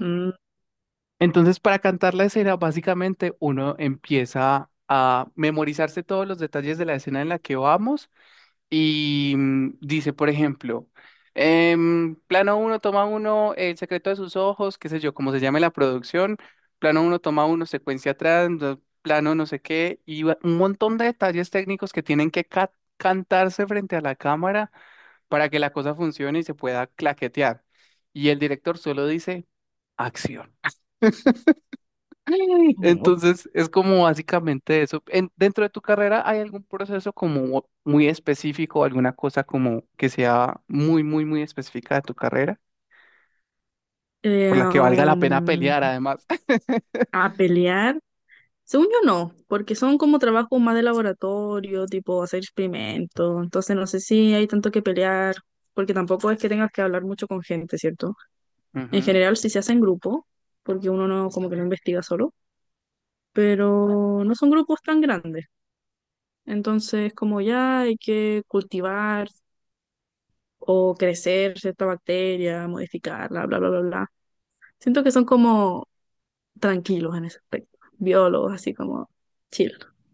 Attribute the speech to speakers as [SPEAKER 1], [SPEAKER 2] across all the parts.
[SPEAKER 1] Mm,
[SPEAKER 2] Entonces, para cantar la escena, básicamente uno empieza a memorizarse todos los detalles de la escena en la que vamos y dice, por ejemplo, plano uno, toma uno, el secreto de sus ojos, qué sé yo, como se llame la producción, plano uno, toma uno, secuencia atrás, plano no sé qué, y un montón de detalles técnicos que tienen que cantarse frente a la cámara para que la cosa funcione y se pueda claquetear. Y el director solo dice, acción.
[SPEAKER 1] o-
[SPEAKER 2] Entonces, es como básicamente eso. Dentro de tu carrera, ¿hay algún proceso como muy específico, alguna cosa como que sea muy, muy, muy específica de tu carrera, por
[SPEAKER 1] eh,
[SPEAKER 2] la que valga la pena
[SPEAKER 1] um,
[SPEAKER 2] pelear además?
[SPEAKER 1] a pelear. Según yo no, porque son como trabajos más de laboratorio, tipo hacer experimentos. Entonces no sé si hay tanto que pelear, porque tampoco es que tengas que hablar mucho con gente, ¿cierto? En
[SPEAKER 2] Ujú.
[SPEAKER 1] general sí se hace en grupo, porque uno no como que no investiga solo, pero no son grupos tan grandes. Entonces como ya hay que cultivar o crecer cierta bacteria, modificarla, bla, bla, bla, bla. Siento que son como tranquilos en ese aspecto. Biólogos, así como chill.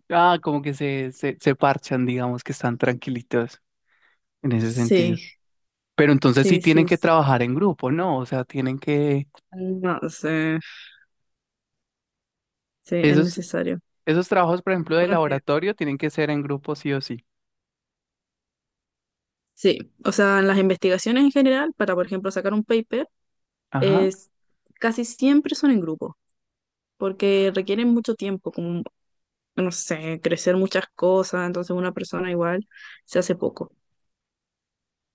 [SPEAKER 2] Ah, como que se parchan, digamos que están tranquilitos en ese sentido.
[SPEAKER 1] Sí,
[SPEAKER 2] Pero entonces sí
[SPEAKER 1] sí,
[SPEAKER 2] tienen
[SPEAKER 1] sí,
[SPEAKER 2] que
[SPEAKER 1] sí.
[SPEAKER 2] trabajar en grupo, ¿no? O sea, tienen que...
[SPEAKER 1] No sé, sí, es
[SPEAKER 2] Esos,
[SPEAKER 1] necesario.
[SPEAKER 2] esos trabajos, por ejemplo, de
[SPEAKER 1] Bueno,
[SPEAKER 2] laboratorio, tienen que ser en grupo sí o sí.
[SPEAKER 1] sí, o sea, en las investigaciones en general, para, por ejemplo, sacar un paper,
[SPEAKER 2] Ajá.
[SPEAKER 1] es, casi siempre son en grupo, porque requieren mucho tiempo, como, no sé, crecer muchas cosas, entonces una persona igual se hace poco.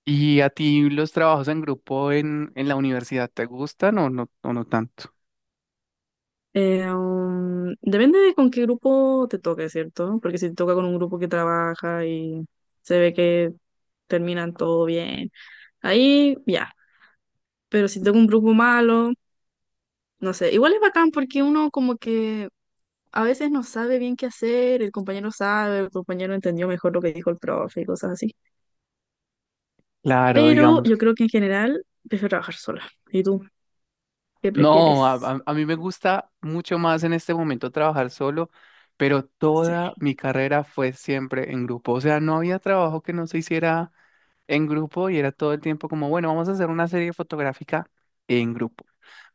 [SPEAKER 2] ¿Y a ti los trabajos en grupo en la universidad te gustan o no tanto?
[SPEAKER 1] Depende de con qué grupo te toque, ¿cierto? Porque si te toca con un grupo que trabaja y se ve que terminan todo bien, ahí ya. Pero si tengo un grupo malo, no sé. Igual es bacán porque uno como que a veces no sabe bien qué hacer, el compañero sabe, el compañero entendió mejor lo que dijo el profe y cosas así.
[SPEAKER 2] Claro,
[SPEAKER 1] Pero
[SPEAKER 2] digamos
[SPEAKER 1] yo
[SPEAKER 2] que...
[SPEAKER 1] creo que en general prefiero trabajar sola. ¿Y tú qué
[SPEAKER 2] No, a,
[SPEAKER 1] prefieres?
[SPEAKER 2] a- a mí me gusta mucho más en este momento trabajar solo, pero
[SPEAKER 1] Sí.
[SPEAKER 2] toda mi carrera fue siempre en grupo. O sea, no había trabajo que no se hiciera en grupo y era todo el tiempo como, bueno, vamos a hacer una serie fotográfica en grupo.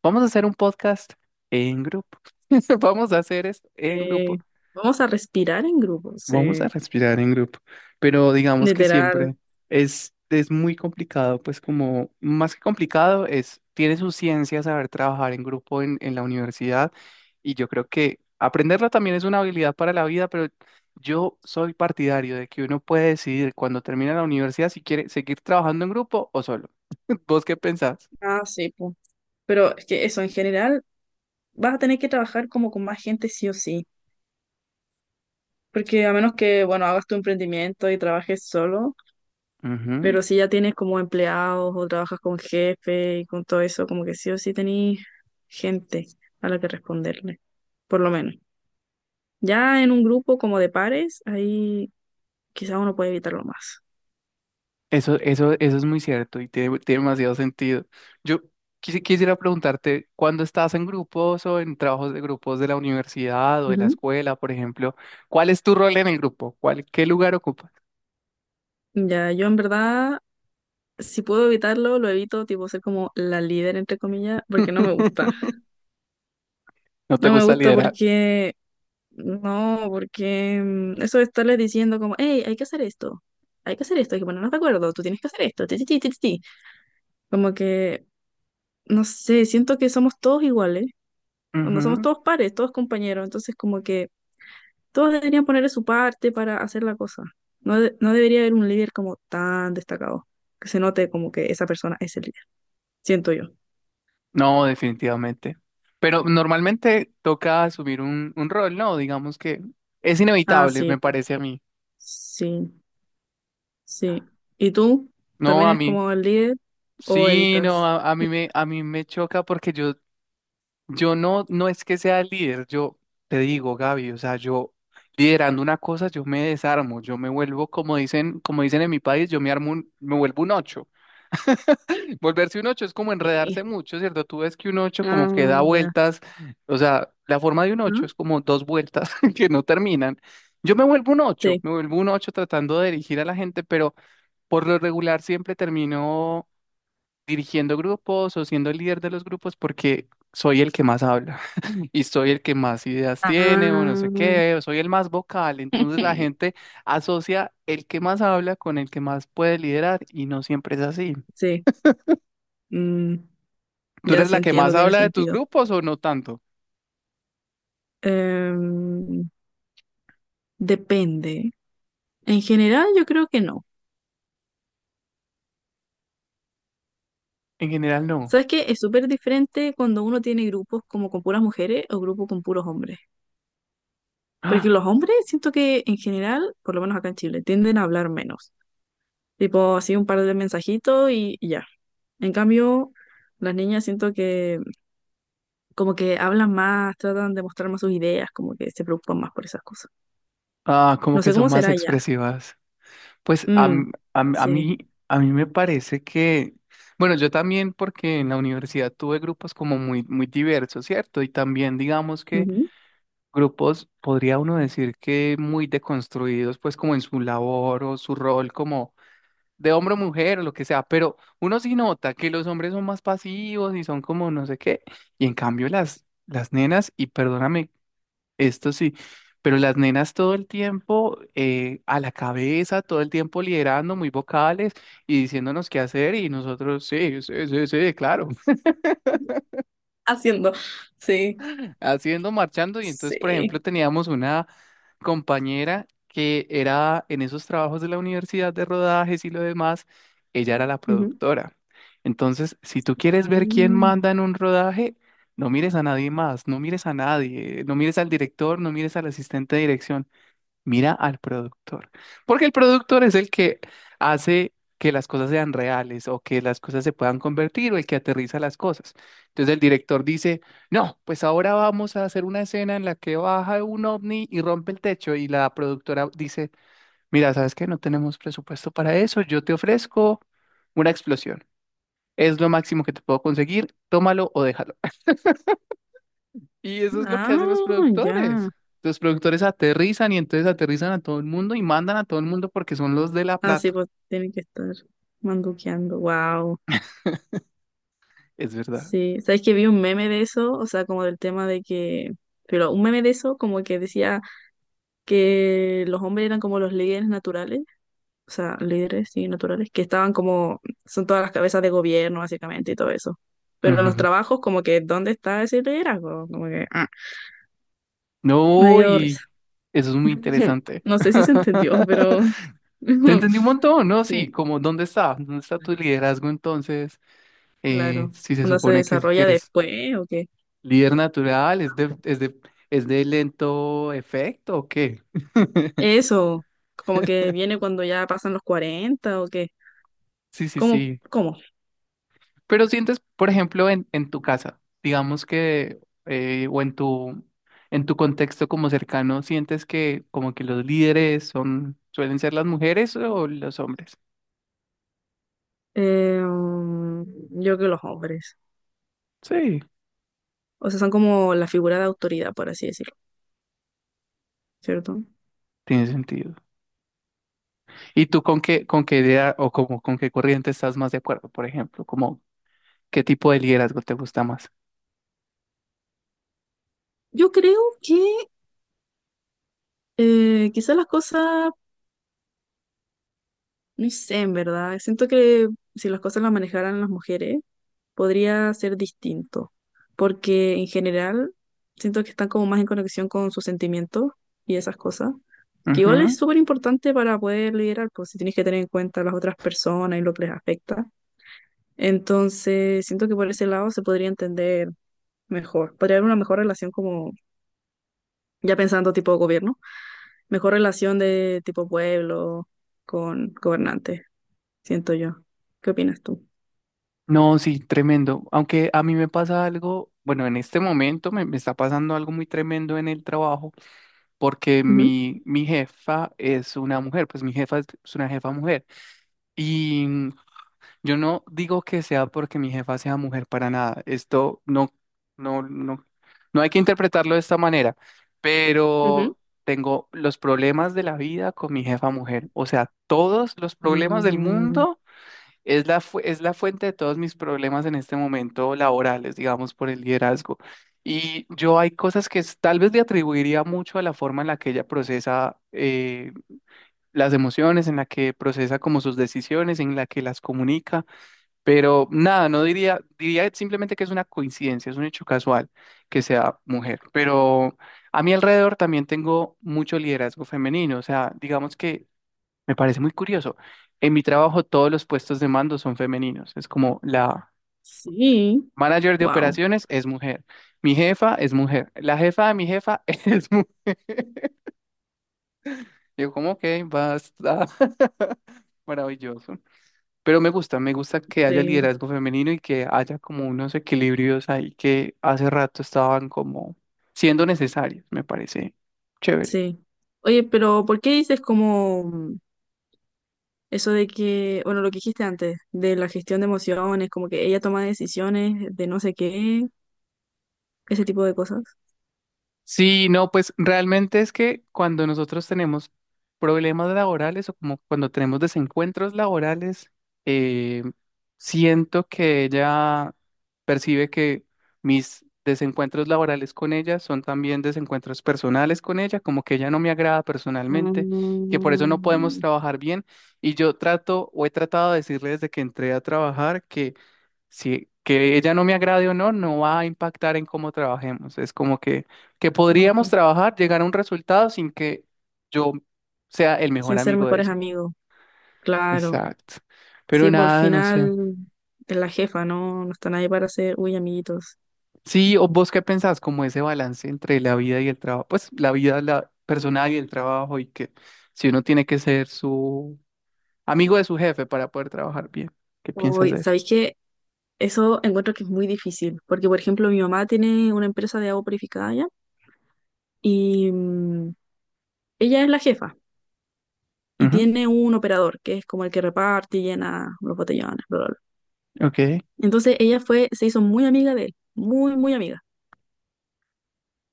[SPEAKER 2] Vamos a hacer un podcast en grupo. Vamos a hacer esto en grupo.
[SPEAKER 1] Eh, Vamos a respirar en grupo, sí.
[SPEAKER 2] Vamos a respirar en grupo, pero digamos que
[SPEAKER 1] Literal.
[SPEAKER 2] siempre es muy complicado, pues como más que complicado es, tiene su ciencia saber trabajar en grupo en la universidad y yo creo que aprenderlo también es una habilidad para la vida, pero yo soy partidario de que uno puede decidir cuando termina la universidad si quiere seguir trabajando en grupo o solo. ¿Vos qué pensás?
[SPEAKER 1] Ah, sí, po. Pero es que eso, en general, vas a tener que trabajar como con más gente sí o sí. Porque a menos que, bueno, hagas tu emprendimiento y trabajes solo,
[SPEAKER 2] Ujú.
[SPEAKER 1] pero si ya tienes como empleados o trabajas con jefe y con todo eso, como que sí o sí tenés gente a la que responderle, por lo menos. Ya en un grupo como de pares, ahí quizás uno puede evitarlo más.
[SPEAKER 2] Eso es muy cierto y tiene, tiene demasiado sentido. Yo quisiera preguntarte, cuando estás en grupos o en trabajos de grupos de la universidad o de la
[SPEAKER 1] Ujú.
[SPEAKER 2] escuela, por ejemplo, ¿cuál es tu rol en el grupo? ¿Cuál, qué lugar ocupas?
[SPEAKER 1] Ya, yo en verdad, si puedo evitarlo, lo evito, tipo ser como la líder, entre comillas, porque no me gusta.
[SPEAKER 2] ¿No te
[SPEAKER 1] No me
[SPEAKER 2] gusta
[SPEAKER 1] gusta
[SPEAKER 2] liderar?
[SPEAKER 1] porque No, porque mm, eso de estarles diciendo como, hey, hay que hacer esto, hay que hacer esto, hay que ponernos de acuerdo, tú tienes que hacer esto, ti, ti, ti, ti, ti, ti". Como que, no sé, siento que somos todos iguales, cuando somos
[SPEAKER 2] Ujú.
[SPEAKER 1] todos pares, todos compañeros, entonces como que todos deberían ponerle su parte para hacer la cosa. No, no debería haber un líder como tan destacado, que se note como que esa persona es el líder, siento yo.
[SPEAKER 2] No, definitivamente. Pero normalmente toca asumir un rol, ¿no? Digamos que es
[SPEAKER 1] Ah,
[SPEAKER 2] inevitable,
[SPEAKER 1] sí,
[SPEAKER 2] me
[SPEAKER 1] po,
[SPEAKER 2] parece a mí.
[SPEAKER 1] sí. Sí. ¿Y tú?
[SPEAKER 2] No,
[SPEAKER 1] ¿También
[SPEAKER 2] a
[SPEAKER 1] es
[SPEAKER 2] mí.
[SPEAKER 1] como el líder o
[SPEAKER 2] Sí, no,
[SPEAKER 1] evitas?
[SPEAKER 2] a mí me, a mí me choca porque yo. Yo no, no es que sea el líder, yo te digo, Gaby, o sea, yo liderando una cosa, yo me desarmo, yo me vuelvo, como dicen en mi país, yo me armo me vuelvo un ocho. Volverse un ocho es como
[SPEAKER 1] Sí.
[SPEAKER 2] enredarse mucho, ¿cierto? Tú ves que un ocho como que da
[SPEAKER 1] Ah, ya.
[SPEAKER 2] vueltas, o sea, la forma de un ocho
[SPEAKER 1] Ajá.
[SPEAKER 2] es como dos vueltas que no terminan. Yo me vuelvo un ocho,
[SPEAKER 1] Sí,
[SPEAKER 2] me vuelvo un ocho tratando de dirigir a la gente, pero por lo regular siempre termino dirigiendo grupos o siendo el líder de los grupos porque soy el que más habla y soy el que más ideas tiene o no sé qué,
[SPEAKER 1] ah.
[SPEAKER 2] o soy el más vocal. Entonces la gente asocia el que más habla con el que más puede liderar y no siempre es así.
[SPEAKER 1] Sí. Mm,
[SPEAKER 2] ¿Tú
[SPEAKER 1] ya
[SPEAKER 2] eres
[SPEAKER 1] sí
[SPEAKER 2] la que
[SPEAKER 1] entiendo,
[SPEAKER 2] más
[SPEAKER 1] tiene
[SPEAKER 2] habla de tus
[SPEAKER 1] sentido.
[SPEAKER 2] grupos o no tanto?
[SPEAKER 1] Em, Depende. En general, yo creo que no.
[SPEAKER 2] En general no.
[SPEAKER 1] ¿Sabes qué? Es súper diferente cuando uno tiene grupos como con puras mujeres o grupos con puros hombres. Porque
[SPEAKER 2] Ah,
[SPEAKER 1] los hombres siento que en general, por lo menos acá en Chile, tienden a hablar menos. Tipo así un par de mensajitos y ya. En cambio, las niñas siento que como que hablan más, tratan de mostrar más sus ideas, como que se preocupan más por esas cosas.
[SPEAKER 2] como
[SPEAKER 1] No
[SPEAKER 2] que
[SPEAKER 1] sé
[SPEAKER 2] son
[SPEAKER 1] cómo
[SPEAKER 2] más
[SPEAKER 1] será ya.
[SPEAKER 2] expresivas. Pues
[SPEAKER 1] Mm, sí.
[SPEAKER 2] a mí me parece que, bueno, yo también porque en la universidad tuve grupos como muy, muy diversos, ¿cierto? Y también digamos que...
[SPEAKER 1] Ujú.
[SPEAKER 2] grupos, podría uno decir que muy deconstruidos, pues como en su labor o su rol como de hombre o mujer o lo que sea, pero uno sí nota que los hombres son más pasivos y son como no sé qué, y en cambio las nenas, y perdóname, esto sí, pero las nenas todo el tiempo a la cabeza, todo el tiempo liderando, muy vocales y diciéndonos qué hacer, y nosotros sí, sí, sí, sí, claro.
[SPEAKER 1] Haciendo. Sí,
[SPEAKER 2] Haciendo, marchando. Y entonces, por ejemplo,
[SPEAKER 1] sí.
[SPEAKER 2] teníamos una compañera que era en esos trabajos de la universidad de rodajes y lo demás, ella era la
[SPEAKER 1] Ujú.
[SPEAKER 2] productora. Entonces, si tú quieres ver quién
[SPEAKER 1] Mm.
[SPEAKER 2] manda en un rodaje, no mires a nadie más, no mires a nadie, no mires al director, no mires al asistente de dirección. Mira al productor, porque el productor es el que hace que las cosas sean reales o que las cosas se puedan convertir o el que aterriza las cosas. Entonces el director dice, no, pues ahora vamos a hacer una escena en la que baja un ovni y rompe el techo y la productora dice, mira, ¿sabes qué? No tenemos presupuesto para eso, yo te ofrezco una explosión. Es lo máximo que te puedo conseguir, tómalo o déjalo. Y eso es lo que hacen los
[SPEAKER 1] Ah,
[SPEAKER 2] productores.
[SPEAKER 1] ya.
[SPEAKER 2] Los productores aterrizan y entonces aterrizan a todo el mundo y mandan a todo el mundo porque son los de la
[SPEAKER 1] Ah, sí,
[SPEAKER 2] plata.
[SPEAKER 1] pues tienen que estar manduqueando. Wow.
[SPEAKER 2] Es verdad.
[SPEAKER 1] Sí. ¿Sabes que vi un meme de eso? O sea, como del tema de que. Pero un meme de eso, como que decía. Que los hombres eran como los líderes naturales, o sea, líderes, sí, naturales, que estaban como, son todas las cabezas de gobierno, básicamente, y todo eso. Pero en los
[SPEAKER 2] Ujú.
[SPEAKER 1] trabajos, como que, ¿dónde está ese liderazgo? Como que, ah, me
[SPEAKER 2] No,
[SPEAKER 1] dio risa.
[SPEAKER 2] y eso es muy interesante.
[SPEAKER 1] No sé si se entendió, pero
[SPEAKER 2] Te entendí un montón, ¿no?
[SPEAKER 1] sí,
[SPEAKER 2] Sí, como ¿dónde está? ¿Dónde está tu liderazgo entonces?
[SPEAKER 1] claro.
[SPEAKER 2] Si se
[SPEAKER 1] ¿Onda se
[SPEAKER 2] supone que
[SPEAKER 1] desarrolla
[SPEAKER 2] eres
[SPEAKER 1] después o qué?
[SPEAKER 2] líder natural, ¿es de, es de lento efecto o qué?
[SPEAKER 1] Eso, como que viene cuando ya pasan los 40 o qué.
[SPEAKER 2] Sí, sí,
[SPEAKER 1] ¿Cómo?
[SPEAKER 2] sí.
[SPEAKER 1] ¿Cómo?
[SPEAKER 2] Pero sientes, por ejemplo, en tu casa, digamos que, o en tu contexto como cercano, ¿sientes que como que los líderes son, suelen ser las mujeres o los hombres?
[SPEAKER 1] Eh, um, yo creo que los hombres.
[SPEAKER 2] Sí,
[SPEAKER 1] O sea, son como la figura de autoridad, por así decirlo, ¿cierto?
[SPEAKER 2] tiene sentido. ¿Y tú con qué idea o como, con qué corriente estás más de acuerdo, por ejemplo? Como, ¿qué tipo de liderazgo te gusta más?
[SPEAKER 1] Yo creo que quizás las cosas, no sé, en verdad, siento que si las cosas las manejaran las mujeres, podría ser distinto, porque en general siento que están como más en conexión con sus sentimientos y esas cosas, que igual es
[SPEAKER 2] Ujú.
[SPEAKER 1] súper importante para poder liderar, pues si tienes que tener en cuenta a las otras personas y lo que les afecta. Entonces, siento que por ese lado se podría entender mejor, podría haber una mejor relación como ya pensando tipo gobierno, mejor relación de tipo pueblo con gobernante, siento yo. ¿Qué opinas tú?
[SPEAKER 2] No, sí, tremendo. Aunque a mí me pasa algo, bueno, en este momento me, me está pasando algo muy tremendo en el trabajo porque
[SPEAKER 1] Ujú.
[SPEAKER 2] mi jefa es una mujer, pues mi jefa es una jefa mujer. Y yo no digo que sea porque mi jefa sea mujer para nada. Esto no, no, no, no hay que interpretarlo de esta manera,
[SPEAKER 1] Ujú.
[SPEAKER 2] pero tengo los problemas de la vida con mi jefa mujer. O sea, todos los problemas del
[SPEAKER 1] Mm,
[SPEAKER 2] mundo. Es la, es la fuente de todos mis problemas en este momento laborales, digamos, por el liderazgo. Y yo hay cosas que tal vez le atribuiría mucho a la forma en la que ella procesa las emociones, en la que procesa como sus decisiones, en la que las comunica, pero nada, no diría, diría simplemente que es una coincidencia, es un hecho casual que sea mujer. Pero a mi alrededor también tengo mucho liderazgo femenino, o sea, digamos que... Me parece muy curioso. En mi trabajo todos los puestos de mando son femeninos. Es como la
[SPEAKER 1] sí,
[SPEAKER 2] manager de
[SPEAKER 1] wow,
[SPEAKER 2] operaciones es mujer, mi jefa es mujer, la jefa de mi jefa es mujer. Yo como, ok, basta, maravilloso. Pero me gusta que haya
[SPEAKER 1] sí,
[SPEAKER 2] liderazgo femenino y que haya como unos equilibrios ahí que hace rato estaban como siendo necesarios, me parece chévere.
[SPEAKER 1] sí. Oye, pero ¿por qué dices como eso de que, bueno, lo que dijiste antes, de la gestión de emociones, como que ella toma decisiones de no sé qué, ese tipo de cosas?
[SPEAKER 2] Sí, no, pues realmente es que cuando nosotros tenemos problemas laborales o como cuando tenemos desencuentros laborales, eh, siento que ella percibe que mis desencuentros laborales con ella son también desencuentros personales con ella, como que ella no me agrada personalmente, que por eso no podemos
[SPEAKER 1] Mm,
[SPEAKER 2] trabajar bien. Y yo trato o he tratado de decirle desde que entré a trabajar que si que ella no me agrade o no, no va a impactar en cómo trabajemos. Es como que
[SPEAKER 1] no,
[SPEAKER 2] podríamos trabajar, llegar a un resultado sin que yo sea el mejor
[SPEAKER 1] sin ser
[SPEAKER 2] amigo de
[SPEAKER 1] mejores
[SPEAKER 2] ella.
[SPEAKER 1] amigos, claro.
[SPEAKER 2] Exacto. Pero
[SPEAKER 1] Sí, por el
[SPEAKER 2] nada, no sé.
[SPEAKER 1] final es la jefa, no, no está nadie para ser, uy, amiguitos.
[SPEAKER 2] Sí, o vos qué pensás, como ese balance entre la vida y el trabajo, pues la vida la personal y el trabajo y que si uno tiene que ser su amigo de su jefe para poder trabajar bien. ¿Qué piensas
[SPEAKER 1] Uy,
[SPEAKER 2] de eso?
[SPEAKER 1] ¿sabéis qué? Eso encuentro que es muy difícil, porque por ejemplo mi mamá tiene una empresa de agua purificada ya y ella es la jefa y
[SPEAKER 2] Ujú,
[SPEAKER 1] tiene un operador que es como el que reparte y llena los botellones, bla, bla, bla.
[SPEAKER 2] ok.
[SPEAKER 1] Entonces ella fue, se hizo muy amiga de él, muy, muy amiga,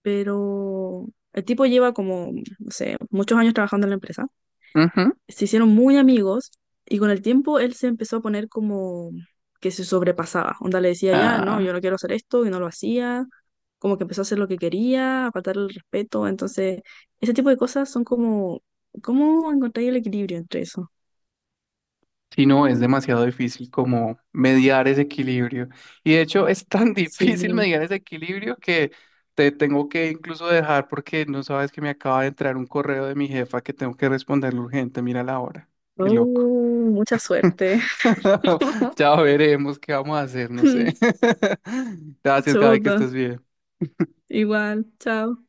[SPEAKER 1] pero el tipo lleva como, no sé, muchos años trabajando en la empresa
[SPEAKER 2] Ujú,
[SPEAKER 1] se hicieron muy amigos y con el tiempo él se empezó a poner como que se sobrepasaba. Onda le decía, ya, no, yo
[SPEAKER 2] ah.
[SPEAKER 1] no quiero hacer esto y no lo hacía. Como que empezó a hacer lo que quería, a faltar el respeto. Entonces, ese tipo de cosas son como, ¿cómo encontrar el equilibrio entre eso?
[SPEAKER 2] Si no, es demasiado difícil como mediar ese equilibrio. Y de hecho es tan difícil
[SPEAKER 1] Sí.
[SPEAKER 2] mediar ese equilibrio que te tengo que incluso dejar porque no sabes que me acaba de entrar un correo de mi jefa que tengo que responderle urgente. Mira la hora. Qué loco.
[SPEAKER 1] Oh, mucha suerte.
[SPEAKER 2] Ya veremos qué vamos a hacer, no sé. Gracias, Gaby, que
[SPEAKER 1] Chuta.
[SPEAKER 2] estés bien.
[SPEAKER 1] Igual, chao.